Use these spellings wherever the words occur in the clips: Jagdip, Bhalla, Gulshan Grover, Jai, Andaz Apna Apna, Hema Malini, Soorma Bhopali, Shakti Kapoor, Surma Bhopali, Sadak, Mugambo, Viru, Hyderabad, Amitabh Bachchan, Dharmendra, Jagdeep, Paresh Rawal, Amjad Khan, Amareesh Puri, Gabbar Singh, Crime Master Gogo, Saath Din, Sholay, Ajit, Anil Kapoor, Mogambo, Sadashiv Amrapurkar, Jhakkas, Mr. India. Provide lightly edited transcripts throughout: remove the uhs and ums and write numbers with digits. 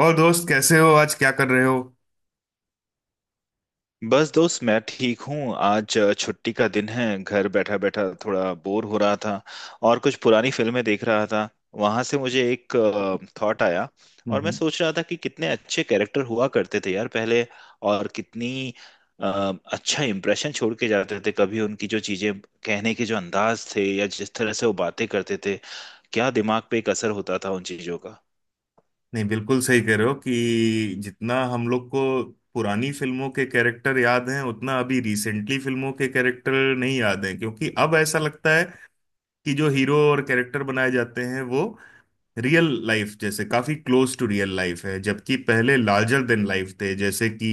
और दोस्त, कैसे हो? आज क्या कर रहे हो? बस दोस्त मैं ठीक हूँ। आज छुट्टी का दिन है, घर बैठा बैठा थोड़ा बोर हो रहा था और कुछ पुरानी फिल्में देख रहा था। वहां से मुझे एक थॉट आया और मैं हम्म। सोच रहा था कि कितने अच्छे कैरेक्टर हुआ करते थे यार पहले, और कितनी अच्छा इम्प्रेशन छोड़ के जाते थे। कभी उनकी जो चीजें कहने के जो अंदाज थे या जिस तरह से वो बातें करते थे, क्या दिमाग पे एक असर होता था उन चीजों का। नहीं, बिल्कुल सही कह रहे हो कि जितना हम लोग को पुरानी फिल्मों के कैरेक्टर याद हैं, उतना अभी रिसेंटली फिल्मों के कैरेक्टर नहीं याद हैं। क्योंकि अब ऐसा लगता है कि जो हीरो और कैरेक्टर बनाए जाते हैं, वो रियल लाइफ जैसे, काफी क्लोज टू रियल लाइफ है। जबकि पहले लार्जर देन लाइफ थे। जैसे कि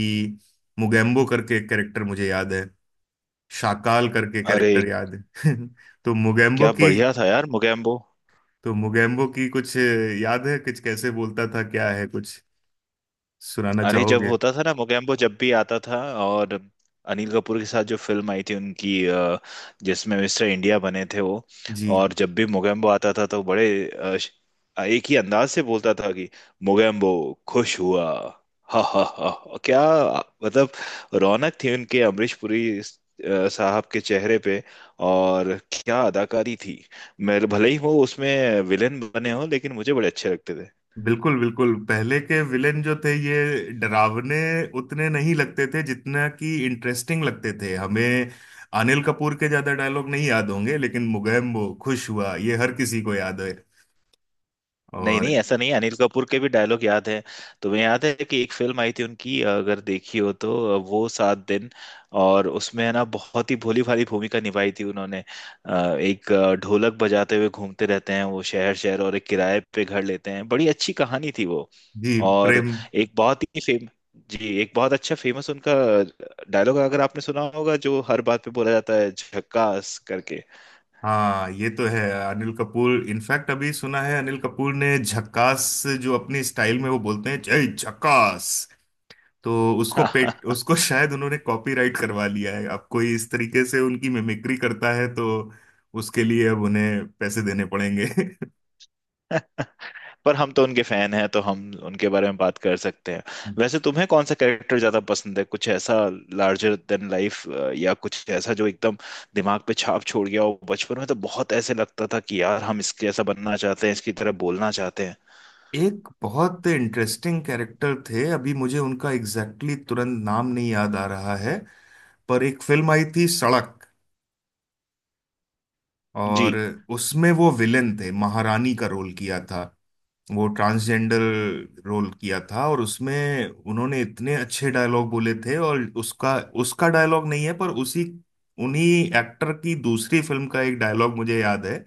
मुगेम्बो करके कैरेक्टर मुझे याद है, शाकाल करके अरे कैरेक्टर याद है। तो मुगेम्बो क्या की बढ़िया था यार मोगैम्बो। कुछ याद है? कुछ कैसे बोलता था? क्या है, कुछ सुनाना अरे जब चाहोगे? होता था ना मोगैम्बो, जब भी आता था, और अनिल कपूर के साथ जो फिल्म आई थी उनकी, जिसमें मिस्टर इंडिया बने थे वो, जी, और जब भी मोगैम्बो आता था तो बड़े अ, श- एक ही अंदाज से बोलता था कि मोगैम्बो खुश हुआ। हा हा हा। और क्या मतलब, रौनक थी उनके अमरीश पुरी साहब के चेहरे पे, और क्या अदाकारी थी। मेरे भले ही वो उसमें विलेन बने हो, लेकिन मुझे बड़े अच्छे लगते थे। बिल्कुल बिल्कुल। पहले के विलेन जो थे, ये डरावने उतने नहीं लगते थे जितना कि इंटरेस्टिंग लगते थे हमें। अनिल कपूर के ज्यादा डायलॉग नहीं याद होंगे, लेकिन मुगेम्बो खुश हुआ ये हर किसी को याद है। नहीं नहीं, और ऐसा नहीं है, अनिल कपूर के भी डायलॉग याद है। तुम्हें याद है कि एक फिल्म आई थी उनकी, अगर देखी हो तो, वो 7 दिन, और उसमें है ना, बहुत ही भोली भाली भूमिका निभाई थी उन्होंने। एक ढोलक बजाते हुए घूमते रहते हैं वो शहर शहर, और एक किराए पे घर लेते हैं। बड़ी अच्छी कहानी थी वो। जी, और प्रेम। एक बहुत ही फेम, जी, एक बहुत अच्छा फेमस उनका डायलॉग अगर आपने सुना होगा, जो हर बात पे बोला जाता है, झक्कास करके। हाँ, ये तो है। अनिल कपूर इनफैक्ट, अभी सुना है अनिल कपूर ने झक्कास, जो अपनी स्टाइल में वो बोलते हैं, जय झक्कास। तो उसको शायद उन्होंने कॉपीराइट करवा लिया है। अब कोई इस तरीके से उनकी मिमिक्री करता है तो उसके लिए अब उन्हें पैसे देने पड़ेंगे। पर हम तो उनके फैन हैं, तो हम उनके बारे में बात कर सकते हैं। वैसे तुम्हें कौन सा कैरेक्टर ज्यादा पसंद है? कुछ ऐसा लार्जर देन लाइफ, या कुछ ऐसा जो एकदम दिमाग पे छाप छोड़ गया हो? बचपन में तो बहुत ऐसे लगता था कि यार, हम इसके ऐसा बनना चाहते हैं, इसकी तरह बोलना चाहते हैं। एक बहुत इंटरेस्टिंग कैरेक्टर थे, अभी मुझे उनका एग्जैक्टली exactly तुरंत नाम नहीं याद आ रहा है, पर एक फिल्म आई थी सड़क, जी। और उसमें वो विलेन थे, महारानी का रोल किया था, वो ट्रांसजेंडर रोल किया था। और उसमें उन्होंने इतने अच्छे डायलॉग बोले थे। और उसका उसका डायलॉग नहीं है, पर उसी उन्हीं एक्टर की दूसरी फिल्म का एक डायलॉग मुझे याद है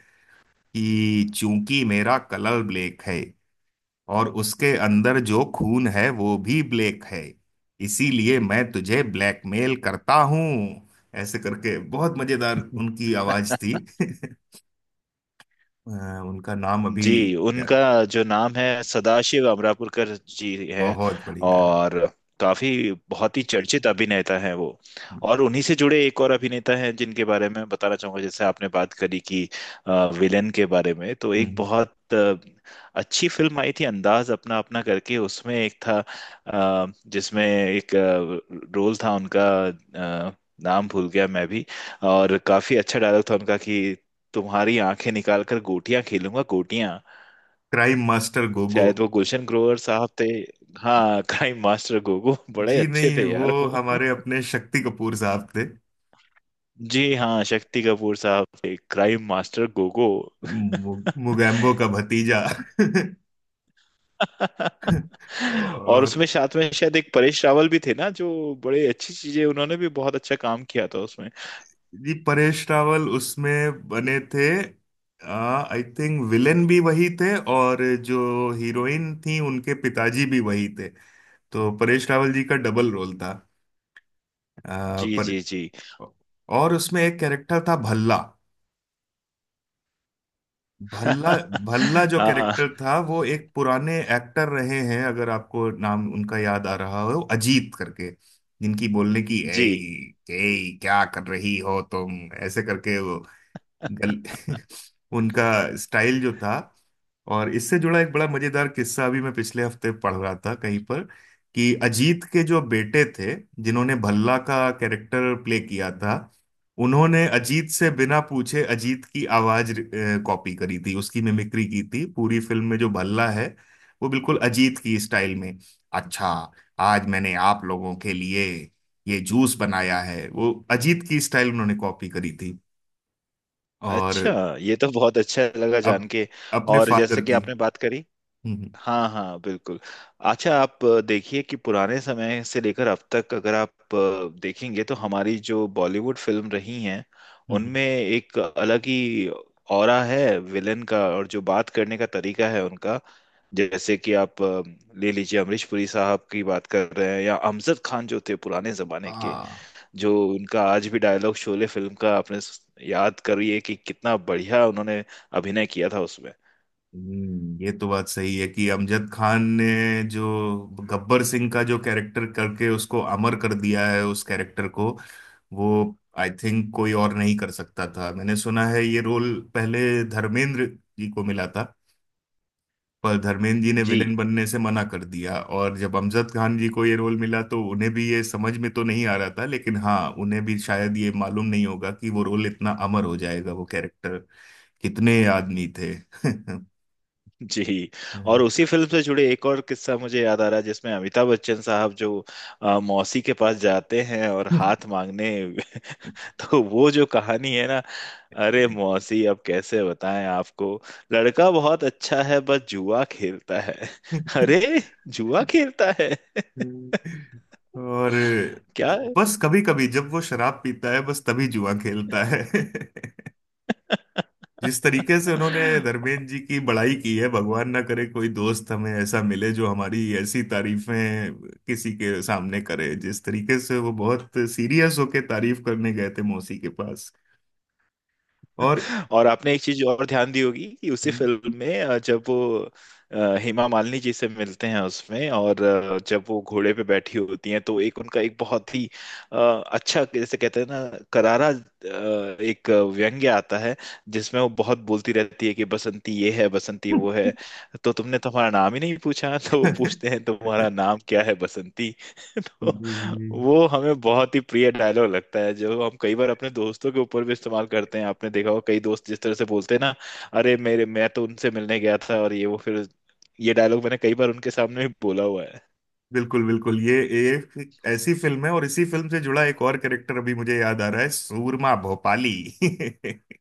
कि चूंकि मेरा कलर ब्लैक है और उसके अंदर जो खून है वो भी ब्लैक है, इसीलिए मैं तुझे ब्लैकमेल करता हूँ। ऐसे करके, बहुत मजेदार उनकी आवाज थी। उनका नाम अभी। जी, उनका जो नाम है, सदाशिव अमरापुरकर जी हैं। बहुत बढ़िया है। और काफी, बहुत ही चर्चित अभिनेता हैं वो। हम्म और उन्हीं से जुड़े एक और अभिनेता हैं जिनके बारे में बताना चाहूंगा। जैसे आपने बात करी कि विलेन के बारे में, तो एक हम्म। बहुत अच्छी फिल्म आई थी, अंदाज अपना अपना करके। उसमें एक था, जिसमें एक रोल था उनका, अ, नाम भूल गया मैं भी। और काफी अच्छा डायलॉग था उनका कि तुम्हारी आंखें निकाल कर गोटियां खेलूंगा गोटियां। Crime master Gogo. शायद वो गुलशन ग्रोवर साहब थे। हाँ, क्राइम मास्टर गोगो। बड़े जी अच्छे नहीं, थे वो यार वो। हमारे अपने शक्ति कपूर साहब थे। जी हाँ, शक्ति कपूर साहब थे क्राइम मास्टर गोगो। मुगैम्बो का भतीजा। और उसमें और साथ में शायद एक परेश रावल भी थे ना, जो बड़े अच्छी चीजें, उन्होंने भी बहुत अच्छा काम किया था उसमें। जी, परेश रावल उसमें बने थे। आई थिंक विलेन भी वही थे, और जो हीरोइन थी उनके पिताजी भी वही थे। तो परेश रावल जी का डबल रोल था। जी पर, जी जी। और उसमें एक कैरेक्टर था भल्ला। भल्ला भल्ला जो हाँ कैरेक्टर था, वो एक पुराने एक्टर रहे हैं, अगर आपको नाम उनका याद आ रहा हो, अजीत करके। जिनकी बोलने की, जी। ए क्या कर रही हो तुम, ऐसे करके वो गल उनका स्टाइल जो था। और इससे जुड़ा एक बड़ा मजेदार किस्सा अभी मैं पिछले हफ्ते पढ़ रहा था कहीं पर, कि अजीत के जो बेटे थे, जिन्होंने भल्ला का कैरेक्टर प्ले किया था, उन्होंने अजीत से बिना पूछे अजीत की आवाज कॉपी करी थी, उसकी मिमिक्री की थी। पूरी फिल्म में जो भल्ला है, वो बिल्कुल अजीत की स्टाइल में। अच्छा, आज मैंने आप लोगों के लिए ये जूस बनाया है, वो अजीत की स्टाइल उन्होंने कॉपी करी थी। और अच्छा, ये तो बहुत अच्छा लगा अप, जान के। अपने और फादर जैसे कि की। आपने बात करी। हम्म हाँ हाँ, बिल्कुल। अच्छा, आप देखिए कि पुराने समय से लेकर अब तक अगर आप देखेंगे, तो हमारी जो बॉलीवुड फिल्म रही हैं, हम्म हम्म। उनमें एक अलग ही ऑरा है विलन का, और जो बात करने का तरीका है उनका। जैसे कि आप ले लीजिए, अमरीश पुरी साहब की बात कर रहे हैं, या अमजद खान जो थे पुराने जमाने के, हाँ। जो उनका आज भी डायलॉग शोले फिल्म का, आपने याद करिए कि कितना बढ़िया उन्होंने अभिनय किया था उसमें। ये तो बात सही है कि अमजद खान ने जो गब्बर सिंह का जो कैरेक्टर करके उसको अमर कर दिया है, उस कैरेक्टर को, वो, आई थिंक कोई और नहीं कर सकता था। मैंने सुना है ये रोल पहले धर्मेंद्र जी को मिला था, पर धर्मेंद्र जी ने जी। विलेन बनने से मना कर दिया। और जब अमजद खान जी को ये रोल मिला तो उन्हें भी ये समझ में तो नहीं आ रहा था, लेकिन हाँ, उन्हें भी शायद ये मालूम नहीं होगा कि वो रोल इतना अमर हो जाएगा, वो कैरेक्टर। कितने आदमी थे? जी। और उसी फिल्म से जुड़े एक और किस्सा मुझे याद आ रहा है, जिसमें अमिताभ बच्चन साहब जो मौसी के पास जाते हैं, और हाथ मांगने। तो वो जो कहानी है ना, अरे मौसी, अब कैसे बताएं आपको, लड़का बहुत अच्छा है, बस जुआ खेलता है। अरे जुआ खेलता है और क्या। बस, कभी कभी जब वो शराब पीता है, बस तभी जुआ खेलता है। जिस तरीके से उन्होंने धर्मेंद्र जी की बड़ाई की है, भगवान ना करे कोई दोस्त हमें ऐसा मिले जो हमारी ऐसी तारीफें किसी के सामने करे। जिस तरीके से वो बहुत सीरियस होके तारीफ करने गए थे मौसी के पास। और और आपने एक चीज और ध्यान दी होगी कि उसी हम्म। फिल्म में जब वो हेमा मालिनी जी से मिलते हैं उसमें, और जब वो घोड़े पे बैठी होती हैं, तो एक उनका एक बहुत ही अ, अच्छा, जैसे कहते हैं ना, करारा एक व्यंग्य आता है, जिसमें वो बहुत बोलती रहती है कि बसंती ये है, बसंती वो है, तो तुमने तुम्हारा नाम ही नहीं पूछा। तो वो पूछते हैं, तुम्हारा नाम क्या है बसंती। तो जी, वो हमें बहुत ही प्रिय डायलॉग लगता है, जो हम कई बार अपने दोस्तों के ऊपर भी इस्तेमाल करते हैं। आपने देखा होगा कई दोस्त जिस तरह से बोलते हैं ना, अरे मेरे, मैं तो उनसे मिलने गया था, और ये वो फिर, ये डायलॉग मैंने कई बार उनके सामने भी बोला हुआ है। बिल्कुल बिल्कुल। ये एक ऐसी फिल्म है, और इसी फिल्म से जुड़ा एक और कैरेक्टर अभी मुझे याद आ रहा है, सूरमा भोपाली।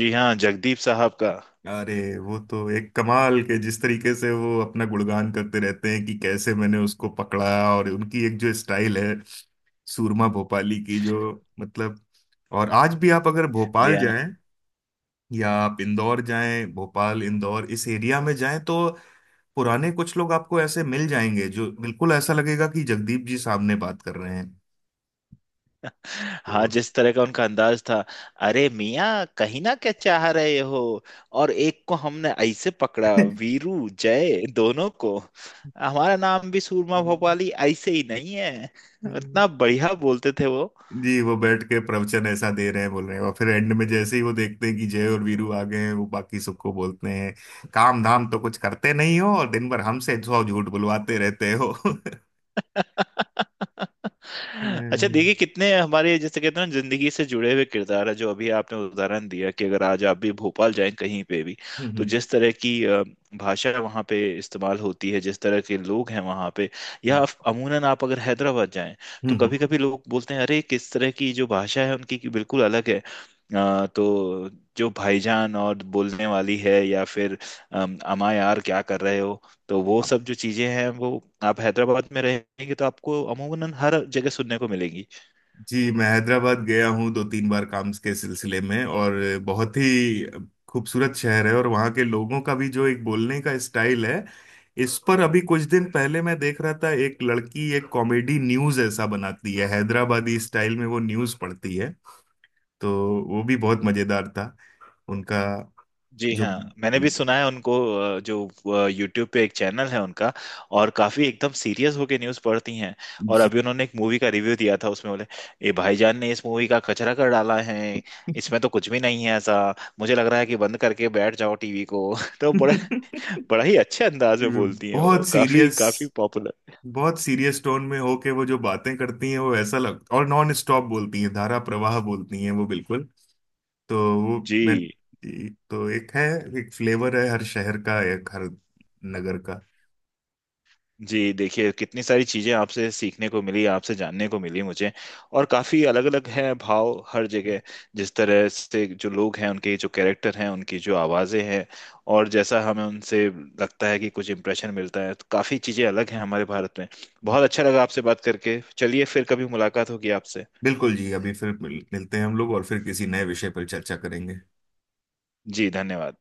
जी हाँ, जगदीप साहब का। अरे वो तो एक कमाल के, जिस तरीके से वो अपना गुणगान करते रहते हैं कि कैसे मैंने उसको पकड़ा। और उनकी एक जो स्टाइल है, सूरमा भोपाली की जो, मतलब। और आज भी आप अगर जी भोपाल हाँ। जाएं या आप इंदौर जाएं, भोपाल इंदौर इस एरिया में जाएं, तो पुराने कुछ लोग आपको ऐसे मिल जाएंगे जो, बिल्कुल ऐसा लगेगा कि जगदीप जी सामने बात कर रहे हैं। हाँ, तो, जिस तरह का उनका अंदाज था। अरे मियाँ कहीं ना क्या चाह रहे हो, और एक को हमने ऐसे पकड़ा, वीरू जय दोनों को। हमारा नाम भी सूरमा भोपाली ऐसे ही नहीं है। इतना बढ़िया बोलते थे वो। जी, वो बैठ के प्रवचन ऐसा दे रहे हैं, बोल रहे हैं, और फिर एंड में जैसे ही वो देखते हैं कि जय और वीरू आ गए हैं, वो बाकी सबको बोलते हैं, काम धाम तो कुछ करते नहीं हो और दिन भर हमसे सौ झूठ बुलवाते रहते हो। अच्छा हम्म देखिए, कितने हमारे, जैसे कहते हैं ना, जिंदगी से जुड़े हुए किरदार है जो अभी आपने उदाहरण दिया कि अगर आज आप भी भोपाल जाएं कहीं पे भी, तो हम्म जिस तरह की भाषा वहाँ पे इस्तेमाल होती है, जिस तरह के लोग हैं वहाँ पे, या आप- अमूनन आप अगर हैदराबाद जाएं, हम्म तो हम्म। कभी कभी लोग बोलते हैं, अरे किस तरह की जो भाषा है उनकी, की बिल्कुल अलग है। तो जो भाईजान और बोलने वाली है, या फिर अमा यार क्या कर रहे हो, तो वो सब जो चीजें हैं, वो आप हैदराबाद में रहेंगे तो आपको अमूमन हर जगह सुनने को मिलेंगी। जी, मैं हैदराबाद गया हूँ दो तीन बार काम के सिलसिले में, और बहुत ही खूबसूरत शहर है। और वहाँ के लोगों का भी जो एक बोलने का स्टाइल है, इस पर अभी कुछ दिन पहले मैं देख रहा था, एक लड़की एक कॉमेडी न्यूज़ ऐसा बनाती है, हैदराबादी स्टाइल में वो न्यूज़ पढ़ती है। तो वो भी बहुत मज़ेदार था उनका। जी जो हाँ, मैंने भी उन, सुना है उनको। जो यूट्यूब पे एक चैनल है उनका, और काफी एकदम सीरियस होके न्यूज पढ़ती हैं। और जी। अभी उन्होंने एक मूवी का रिव्यू दिया था, उसमें बोले, ए भाईजान ने इस मूवी का कचरा कर डाला है, इसमें तो कुछ भी नहीं है ऐसा, मुझे लग रहा है कि बंद करके बैठ जाओ टीवी को। तो बड़ा बड़ा ही अच्छे अंदाज में बोलती हैं वो, बहुत काफी सीरियस, काफी पॉपुलर। बहुत सीरियस टोन में हो के वो जो बातें करती हैं, वो ऐसा लग, और नॉन स्टॉप बोलती हैं, धारा प्रवाह बोलती हैं वो, बिल्कुल। तो वो, मैं, जी। जी, तो एक है, एक फ्लेवर है हर शहर का, एक हर नगर का। जी देखिए, कितनी सारी चीज़ें आपसे सीखने को मिली, आपसे जानने को मिली मुझे। और काफ़ी अलग अलग है भाव हर जगह, जिस तरह से जो लोग हैं, उनके जो कैरेक्टर हैं, उनकी जो आवाज़ें हैं, और जैसा हमें उनसे लगता है कि कुछ इंप्रेशन मिलता है, तो काफ़ी चीज़ें अलग हैं हमारे भारत में। बहुत अच्छा लगा आपसे बात करके। चलिए फिर कभी मुलाकात होगी आपसे। बिल्कुल जी, अभी फिर मिलते हैं हम लोग, और फिर किसी नए विषय पर चर्चा करेंगे। जी धन्यवाद।